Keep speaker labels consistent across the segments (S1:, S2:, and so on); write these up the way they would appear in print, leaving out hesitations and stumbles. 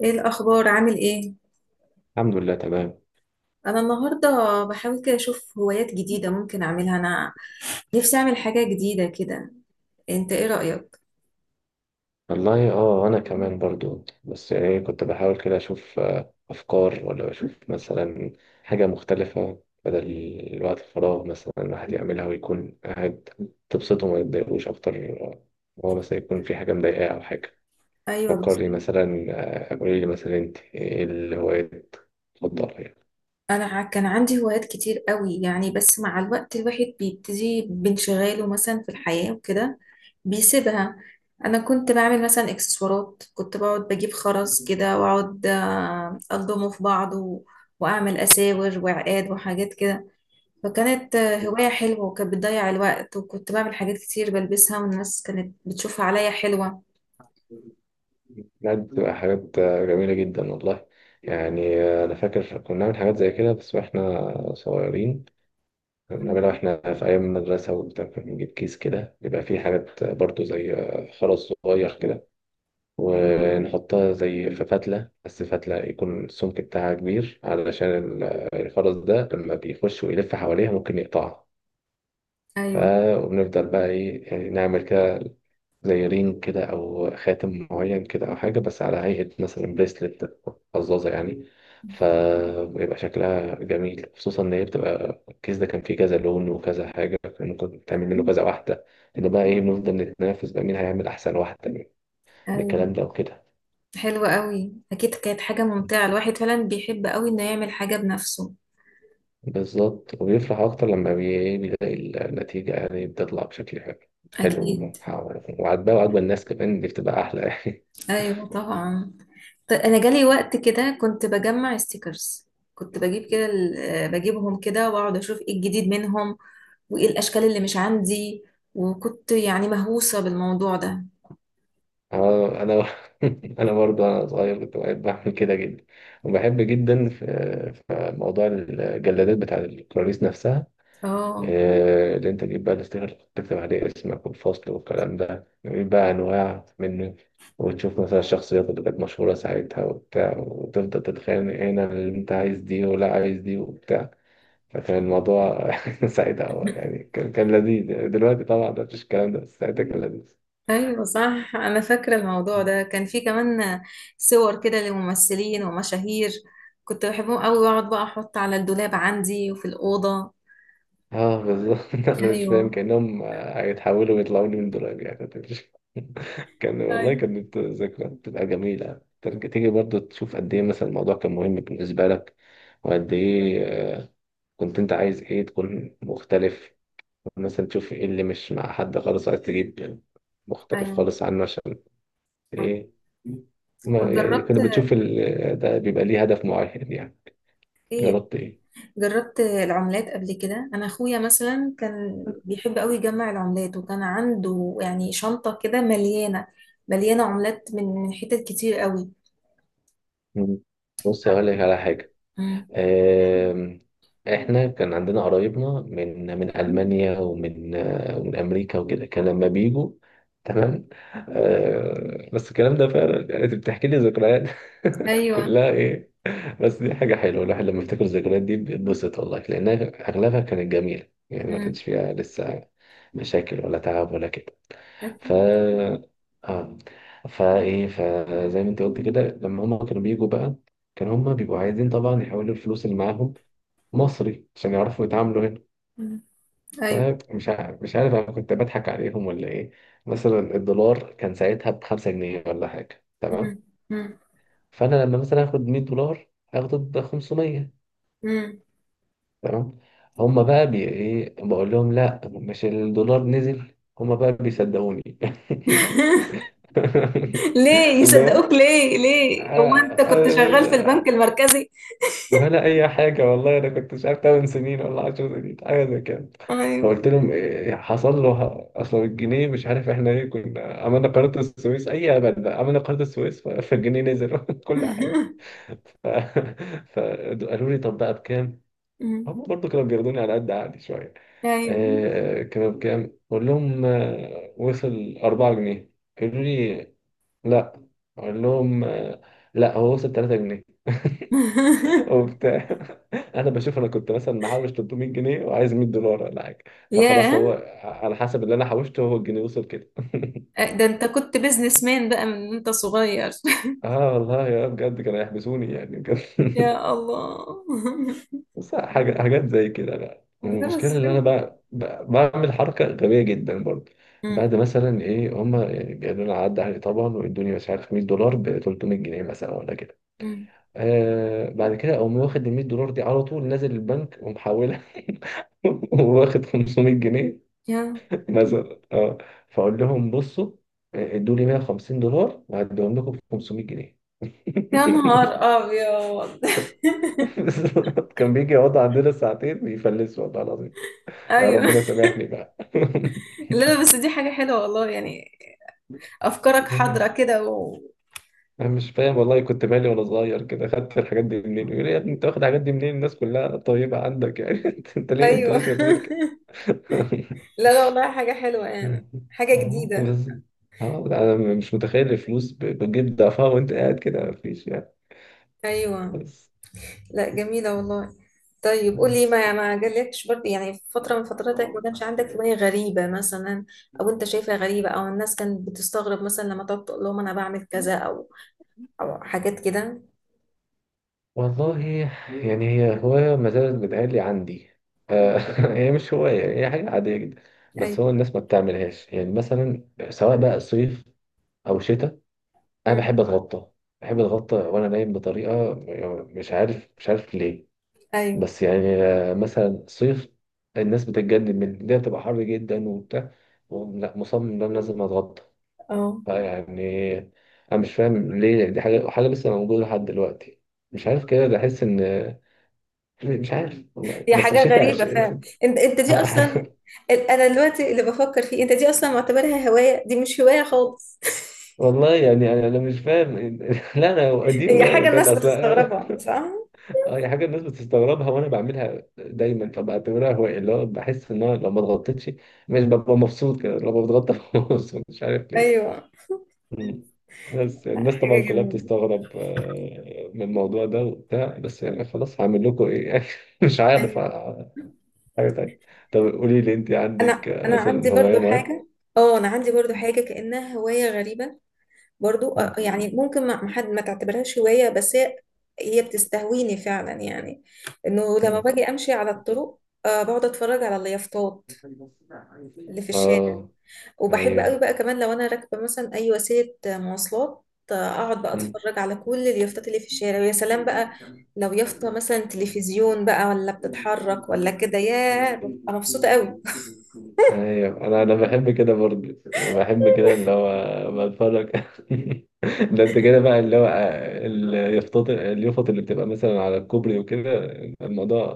S1: ايه الاخبار؟ عامل ايه؟
S2: الحمد لله تمام.
S1: انا النهارده بحاول كده اشوف هوايات جديده ممكن اعملها. انا نفسي اعمل حاجه جديده كده. انت ايه رايك؟
S2: والله اه، انا كمان برضو، بس يعني كنت بحاول كده اشوف افكار، ولا اشوف مثلا حاجه مختلفه بدل الوقت الفراغ مثلا الواحد يعملها ويكون قاعد تبسطه وما يتضايقوش اكتر. هو مثلا يكون في حاجه مضايقاه او حاجه.
S1: ايوه، بس
S2: فكرني مثلا. قولي لي مثلا، انت ايه الهوايات المفضله يعني؟
S1: كان عندي هوايات كتير قوي يعني، بس مع الوقت الواحد بيبتدي بانشغاله مثلا في الحياه وكده بيسيبها. انا كنت بعمل مثلا اكسسوارات، كنت بقعد بجيب خرز كده واقعد، الضمه في بعض واعمل اساور وعقاد وحاجات كده. فكانت هواية حلوة، وكانت بتضيع الوقت، وكنت بعمل حاجات كتير بلبسها، والناس كانت بتشوفها عليا حلوة.
S2: بجد بتبقى حاجات جميله جدا والله. يعني انا فاكر كنا بنعمل حاجات زي كده بس واحنا صغيرين،
S1: مم.
S2: بنعملها واحنا في أيام المدرسة وبتاع. كنا بنجيب كيس كده بيبقى فيه حاجات برضو زي خرز صغير كده، ونحطها زي في فتلة، بس فتلة يكون السمك بتاعها كبير علشان ال- الخرز ده لما بيخش ويلف حواليها ممكن يقطعها.
S1: أيوة،
S2: فبنفضل بقى إيه، نعمل كده زي رينج كده او خاتم معين كده او حاجه، بس على هيئه مثلا بريسلت، قزازه يعني. فبيبقى شكلها جميل، خصوصا ان هي بتبقى الكيس ده كان فيه كذا لون وكذا حاجه، كان ممكن تعمل منه كذا واحده. ان بقى ايه، بنفضل نتنافس بقى مين هيعمل احسن واحده يعني، من
S1: أيوة.
S2: الكلام ده وكده.
S1: حلوة قوي، أكيد كانت حاجة ممتعة. الواحد فعلا بيحب قوي إنه يعمل حاجة بنفسه.
S2: بالظبط، وبيفرح اكتر لما بيلاقي النتيجه يعني بتطلع بشكل حلو، حلو
S1: أكيد.
S2: ومحاور وعاجباه، وعاجبه الناس كمان، دي بتبقى احلى يعني.
S1: أيوة طبعا. أنا جالي وقت كده كنت بجمع ستيكرز، كنت بجيب كده بجيبهم كده وأقعد أشوف إيه الجديد منهم، وإيه الأشكال اللي مش عندي، وكنت يعني مهووسة بالموضوع ده.
S2: اه انا انا برضو انا صغير كنت بحب اعمل كده جدا. وبحب جدا في موضوع الجلادات بتاع الكراريس نفسها.
S1: اه.
S2: اللي انت تجيب بقى الاستيكر اللي تكتب عليه اسمك والفصل والكلام ده، تجيب بقى انواع منه، وتشوف مثلا الشخصيات اللي كانت مشهوره ساعتها وبتاع، وتفضل تتخانق هنا اللي انت عايز دي ولا عايز دي وبتاع. فكان الموضوع ساعتها هو يعني كان لذيذ. دلوقتي طبعا مفيش الكلام ده، بس ساعتها كان لذيذ.
S1: ايوه صح، انا فاكره الموضوع ده كان في كمان صور كده لممثلين ومشاهير. كنت بحبهم قوي واقعد بقى احط على الدولاب عندي وفي الاوضه.
S2: اه بالظبط. انا مش
S1: ايوه.
S2: فاهم كانهم هيتحولوا ويطلعوا لي من دولاب، يعني أنا مش- كان، والله
S1: أيوة.
S2: كانت ذكريات بتبقى جميله، ترجع تيجي برضو تشوف قد ايه مثلا الموضوع كان مهم بالنسبه لك، وقد ايه آه، كنت انت عايز ايه تكون مختلف، مثلا تشوف ايه اللي مش مع حد خالص، عايز تجيب مختلف
S1: ايوه
S2: خالص عنه عشان
S1: صح.
S2: ايه. ما
S1: طب
S2: يعني
S1: جربت
S2: كنا بتشوف ال... ده بيبقى ليه هدف معين يعني.
S1: ايه؟
S2: جربت ايه؟
S1: جربت العملات قبل كده. انا اخويا مثلا كان بيحب قوي يجمع العملات، وكان عنده يعني شنطه كده مليانه، مليانه عملات من حتت كتير قوي.
S2: مم. بص هقول لك على حاجه.
S1: مم.
S2: آم، احنا كان عندنا قرايبنا من المانيا، ومن امريكا وكده، كان لما بيجوا. تمام. بس الكلام ده فعلا يعني انت بتحكي لي ذكريات
S1: ايوه.
S2: كلها ايه. بس دي حاجه حلوه الواحد لما يفتكر الذكريات دي بيتبسط، والله، لانها اغلبها كانت جميله يعني، ما
S1: مم.
S2: كانش فيها لسه مشاكل ولا تعب ولا كده. ف،
S1: أكيد.
S2: اه، فزي ما انت قلت كده، لما هما كانوا بيجوا بقى كانوا هما بيبقوا عايزين طبعا يحولوا الفلوس اللي معاهم مصري عشان يعرفوا يتعاملوا هنا.
S1: مم. ايوه.
S2: فمش عارف مش عارف انا كنت بضحك عليهم ولا ايه. مثلا الدولار كان ساعتها ب 5 جنيه ولا حاجة، تمام؟
S1: مم. مم.
S2: فانا لما مثلا اخد $100 هاخده ب 500،
S1: مم.
S2: تمام. هما بقى بي ايه، بقول لهم لا، مش الدولار نزل، هما بقى بيصدقوني.
S1: ليه
S2: اللي
S1: يصدقوك؟
S2: هو
S1: ليه هو انت
S2: آه،
S1: كنت شغال في
S2: آه،
S1: البنك
S2: آه،
S1: المركزي؟
S2: ولا اي حاجه، والله انا كنت مش عارف، 8 سنين ولا 10 سنين، حاجه زي كده.
S1: ايوه.
S2: فقلت لهم إيه حصل له، اصل الجنيه مش عارف احنا ايه، كنا عملنا قناه السويس، اي ابدا، عملنا قناه السويس، فالجنيه نزل كل حاجه. ف... فقالوا لي طب بقى بكام؟ هم برضه كانوا بياخدوني على قد عقلي شويه.
S1: ايوه.
S2: آه كانوا بكام؟ قول لهم، وصل 4 جنيه. قالوا لي لا. اقول لهم لا، هو وصل 3 جنيه وبتاع. انا بشوف انا كنت مثلا محوش 300 جنيه وعايز $100 ولا حاجه، فخلاص هو
S1: ياه.
S2: على حسب اللي انا حوشته هو الجنيه وصل كده.
S1: ده انت كنت بيزنس مان بقى من انت صغير!
S2: اه والله، يا بجد كانوا يحبسوني يعني بجد.
S1: يا الله.
S2: بس حاجة، حاجات زي كده بقى،
S1: ده
S2: المشكلة
S1: بس
S2: إن
S1: حاجة
S2: أنا
S1: حلوة.
S2: بعمل حركة غبية جدا برضه.
S1: مم.
S2: بعد مثلا إيه، هما يعني بيقولوا لنا عدى عليه طبعا، ويدوني مش عارف $100 ب 300 جنيه مثلا ولا كده.
S1: مم.
S2: آه بعد كده أقوم واخد ال $100 دي على طول نازل البنك ومحولها، واخد 500 جنيه
S1: يا
S2: مثلا، اه. فاقول لهم بصوا، ادوا لي $150 وهديهم لكم ب 500 جنيه.
S1: يا نهار ابيض!
S2: بالظبط. كان بيجي يقعد عندنا ساعتين بيفلس، والله العظيم. يا
S1: ايوه،
S2: ربنا سامحني بقى.
S1: لا لا، بس دي حاجة حلوة والله يعني. افكارك حاضرة كده و.
S2: انا مش فاهم والله، كنت مالي وانا صغير كده، خدت الحاجات دي منين. يقول لي يا ابني انت واخد الحاجات دي منين، الناس كلها طيبة عندك يعني، انت، أنت ليه، انت ليه
S1: ايوه.
S2: شرير كده.
S1: لا لا، والله حاجة حلوة يعني. حاجة جديدة.
S2: بس اه انا مش متخيل الفلوس بتجيب ضعفها وانت قاعد كده مفيش يعني.
S1: ايوه، لا،
S2: بس،
S1: جميله والله. طيب، قولي. ما يعني ما جالكش برضه يعني في فتره من فتراتك ما كانش عندك هوايه غريبه مثلا؟ او انت شايفها غريبه، او الناس كانت بتستغرب مثلا لما تقعد تقول لهم انا بعمل كذا، او حاجات كده.
S2: والله يعني، هي هواية ما زالت بتهيألي عندي، آه، هي مش هواية، هي حاجة عادية جدا، بس هو
S1: ايوه.
S2: الناس ما بتعملهاش يعني. مثلا سواء بقى صيف أو شتاء، أنا
S1: مم.
S2: بحب أتغطى، بحب أتغطى وأنا نايم بطريقة مش عارف ليه.
S1: ايوه.
S2: بس يعني مثلا صيف، الناس بتتجنن من ده، بتبقى حر جدا وبتاع، ولا مصمم إن أنا لازم أتغطى
S1: اه.
S2: يعني. انا مش فاهم ليه دي حاجه، حاجه لسه موجوده لحد دلوقتي. مش عارف كده، بحس ان مش عارف، والله.
S1: هي
S2: بس
S1: حاجه
S2: شتاء،
S1: غريبه فعلا. انت دي اصلا، انا دلوقتي اللي بفكر فيه، انت دي اصلا معتبرها هوايه؟ دي مش هوايه خالص.
S2: والله يعني انا مش فاهم. لا، انا دي
S1: هي
S2: هوايه
S1: حاجه
S2: بجد
S1: الناس
S2: اصلا.
S1: بتستغربها، صح؟
S2: اي حاجه الناس بتستغربها وانا بعملها دايما، فبعتبرها هوايه. اللي هو بحس ان انا لو ما اتغطيتش مش ببقى مبسوط كده، لو ما بتغطى ببقى مبسوط، مش عارف ليه.
S1: ايوه،
S2: مم. بس
S1: لا،
S2: الناس
S1: حاجه
S2: طبعا كلها
S1: جميله.
S2: بتستغرب من الموضوع ده وبتاع، بس يعني خلاص هعمل لكم ايه يعني. مش عارف
S1: أيوة.
S2: آه، حاجة تانية. طب قولي لي، انت عندك
S1: انا انا عندي
S2: مثلا هواية
S1: برضو
S2: معينة؟
S1: حاجه. اه، انا عندي برضو
S2: مم.
S1: حاجه كانها هوايه غريبه. برضو، يعني
S2: مم.
S1: ممكن ما حد ما تعتبرهاش هوايه، بس هي بتستهويني فعلا يعني. انه لما
S2: مم.
S1: باجي امشي على الطرق، بقعد اتفرج على اليافطات اللي في الشارع.
S2: اه.
S1: وبحب قوي
S2: ايوه.
S1: بقى كمان لو انا راكبه مثلا اي وسيله، مواصلات. اقعد بقى
S2: مم.
S1: اتفرج على كل اليافطات اللي في الشارع، ويا سلام بقى لو يافطه مثلا تلفزيون بقى، ولا بتتحرك ولا كده، يا ببقى مبسوطه قوي.
S2: ايوه انا بحب كده برضه، وبحب كده اللي هو بتفرج. ده انت كده بقى اللي هو اليافط اللي بتبقى مثلا على الكوبري وكده، الموضوع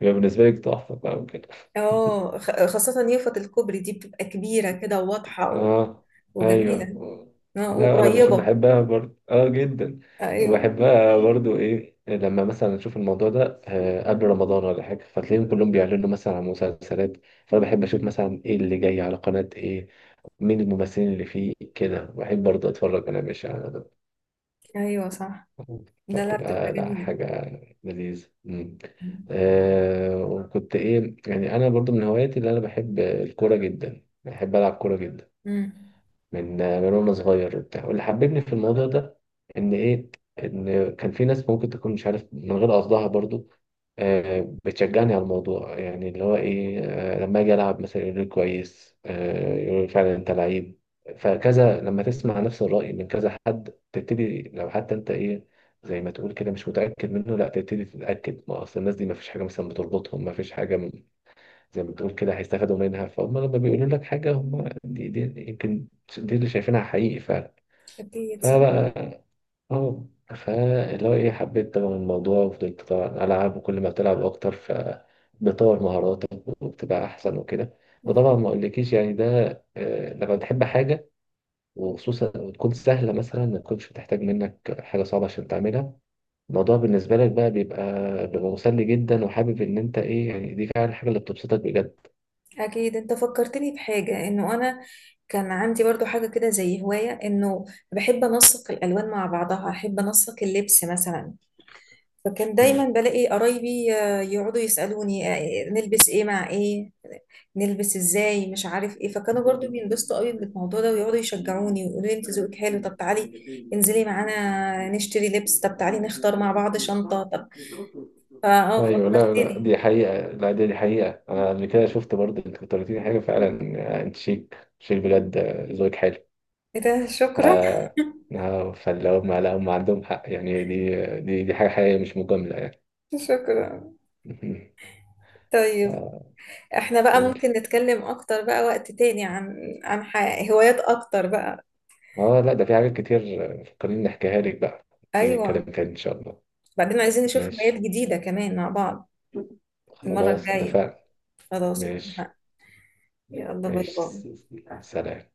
S2: بيبقى بالنسبة لك تحفة بقى وكده.
S1: اه، خاصة يافطة الكوبري دي بتبقى كبيرة كده وواضحة
S2: اه
S1: وجميلة.
S2: ايوه.
S1: اه اه،
S2: لا انا
S1: وقريبة.
S2: بحبها برضه، اه، جدا.
S1: ايوه.
S2: وبحبها برضه ايه، لما مثلا اشوف الموضوع ده قبل رمضان ولا حاجه، فتلاقيهم كلهم بيعلنوا مثلا عن مسلسلات. فانا بحب اشوف مثلا ايه اللي جاي على قناه ايه، مين الممثلين اللي فيه كده، بحب برضه اتفرج انا مش على ده.
S1: ايوه صح. لا لا، بتبقى
S2: فبتبقى، لا،
S1: جميلة.
S2: حاجه لذيذه. مم. آه، وكنت ايه يعني، انا برضه من هواياتي اللي انا بحب، الكوره جدا، بحب العب كوره جدا
S1: امم.
S2: من من وانا صغير وبتاع. واللي حببني في الموضوع ده ان ايه، ان كان في ناس ممكن تكون مش عارف من غير قصدها برضو بتشجعني على الموضوع. يعني اللي هو ايه، لما اجي العب مثلا يقول لي كويس، يقول لي فعلا انت لعيب. فكذا لما تسمع نفس الرأي من كذا حد، تبتدي لو حتى انت ايه، زي ما تقول كده، مش متأكد منه، لا تبتدي تتأكد. ما اصل الناس دي ما فيش حاجة مثلا بتربطهم، ما فيش حاجة زي ما بتقول كده هيستفادوا منها، فهم لما بيقولوا لك حاجة هم دي، يمكن دي اللي شايفينها حقيقي فعلا.
S1: اكيد صح.
S2: فبقى، اه، فاللي هو ايه، حبيت طبعا الموضوع وفضلت طبعا ألعب، وكل ما بتلعب أكتر فبتطور مهاراتك وبتبقى أحسن وكده.
S1: مم.
S2: وطبعا ما أقولكيش يعني ده، لما بتحب حاجة، وخصوصا وتكون سهلة مثلا، ما تكونش بتحتاج منك حاجة صعبة عشان تعملها، الموضوع بالنسبة لك بقى بيبقى، مسلي جدا، وحابب إن أنت إيه يعني، دي فعلا الحاجة اللي بتبسطك بجد.
S1: اكيد، انت فكرتني بحاجة، انه انا كان عندي برضو حاجة كده زي هواية، انه بحب انسق الالوان مع بعضها، احب انسق اللبس مثلا. فكان دايما بلاقي قرايبي، يقعدوا يسألوني، نلبس ايه مع ايه، نلبس ازاي، مش عارف ايه. فكانوا برضو بينبسطوا قوي بالموضوع ده، ويقعدوا يشجعوني ويقولوا لي انت ذوقك حلو، طب تعالي انزلي معانا نشتري لبس، طب تعالي نختار مع بعض شنطة، طب فا
S2: ايوه لا لا،
S1: فكرتني.
S2: دي حقيقة، لا دي حقيقة. انا قبل كده شفت برضه، انت كنت قلت لي حاجة فعلا، انت شيك شيك بجد، ذوقك حلو.
S1: ايه ده!
S2: ف
S1: شكرا.
S2: فاللي هم، لا هم عندهم حق يعني، دي حاجة حقيقية مش مجاملة يعني.
S1: شكرا. طيب،
S2: آه،
S1: احنا بقى
S2: قول.
S1: ممكن نتكلم اكتر بقى وقت تاني عن عن هوايات اكتر بقى.
S2: اه لا ده في حاجات كتير فكرني نحكيها لك بقى. نيجي نتكلم
S1: ايوه،
S2: تاني ان شاء الله.
S1: بعدين عايزين نشوف هوايات
S2: ماشي،
S1: جديدة كمان مع بعض المرة
S2: خلاص
S1: الجاية.
S2: اتفقنا.
S1: خلاص
S2: ماشي.
S1: اتفقنا. يلا باي
S2: ماشي.
S1: باي.
S2: سلام.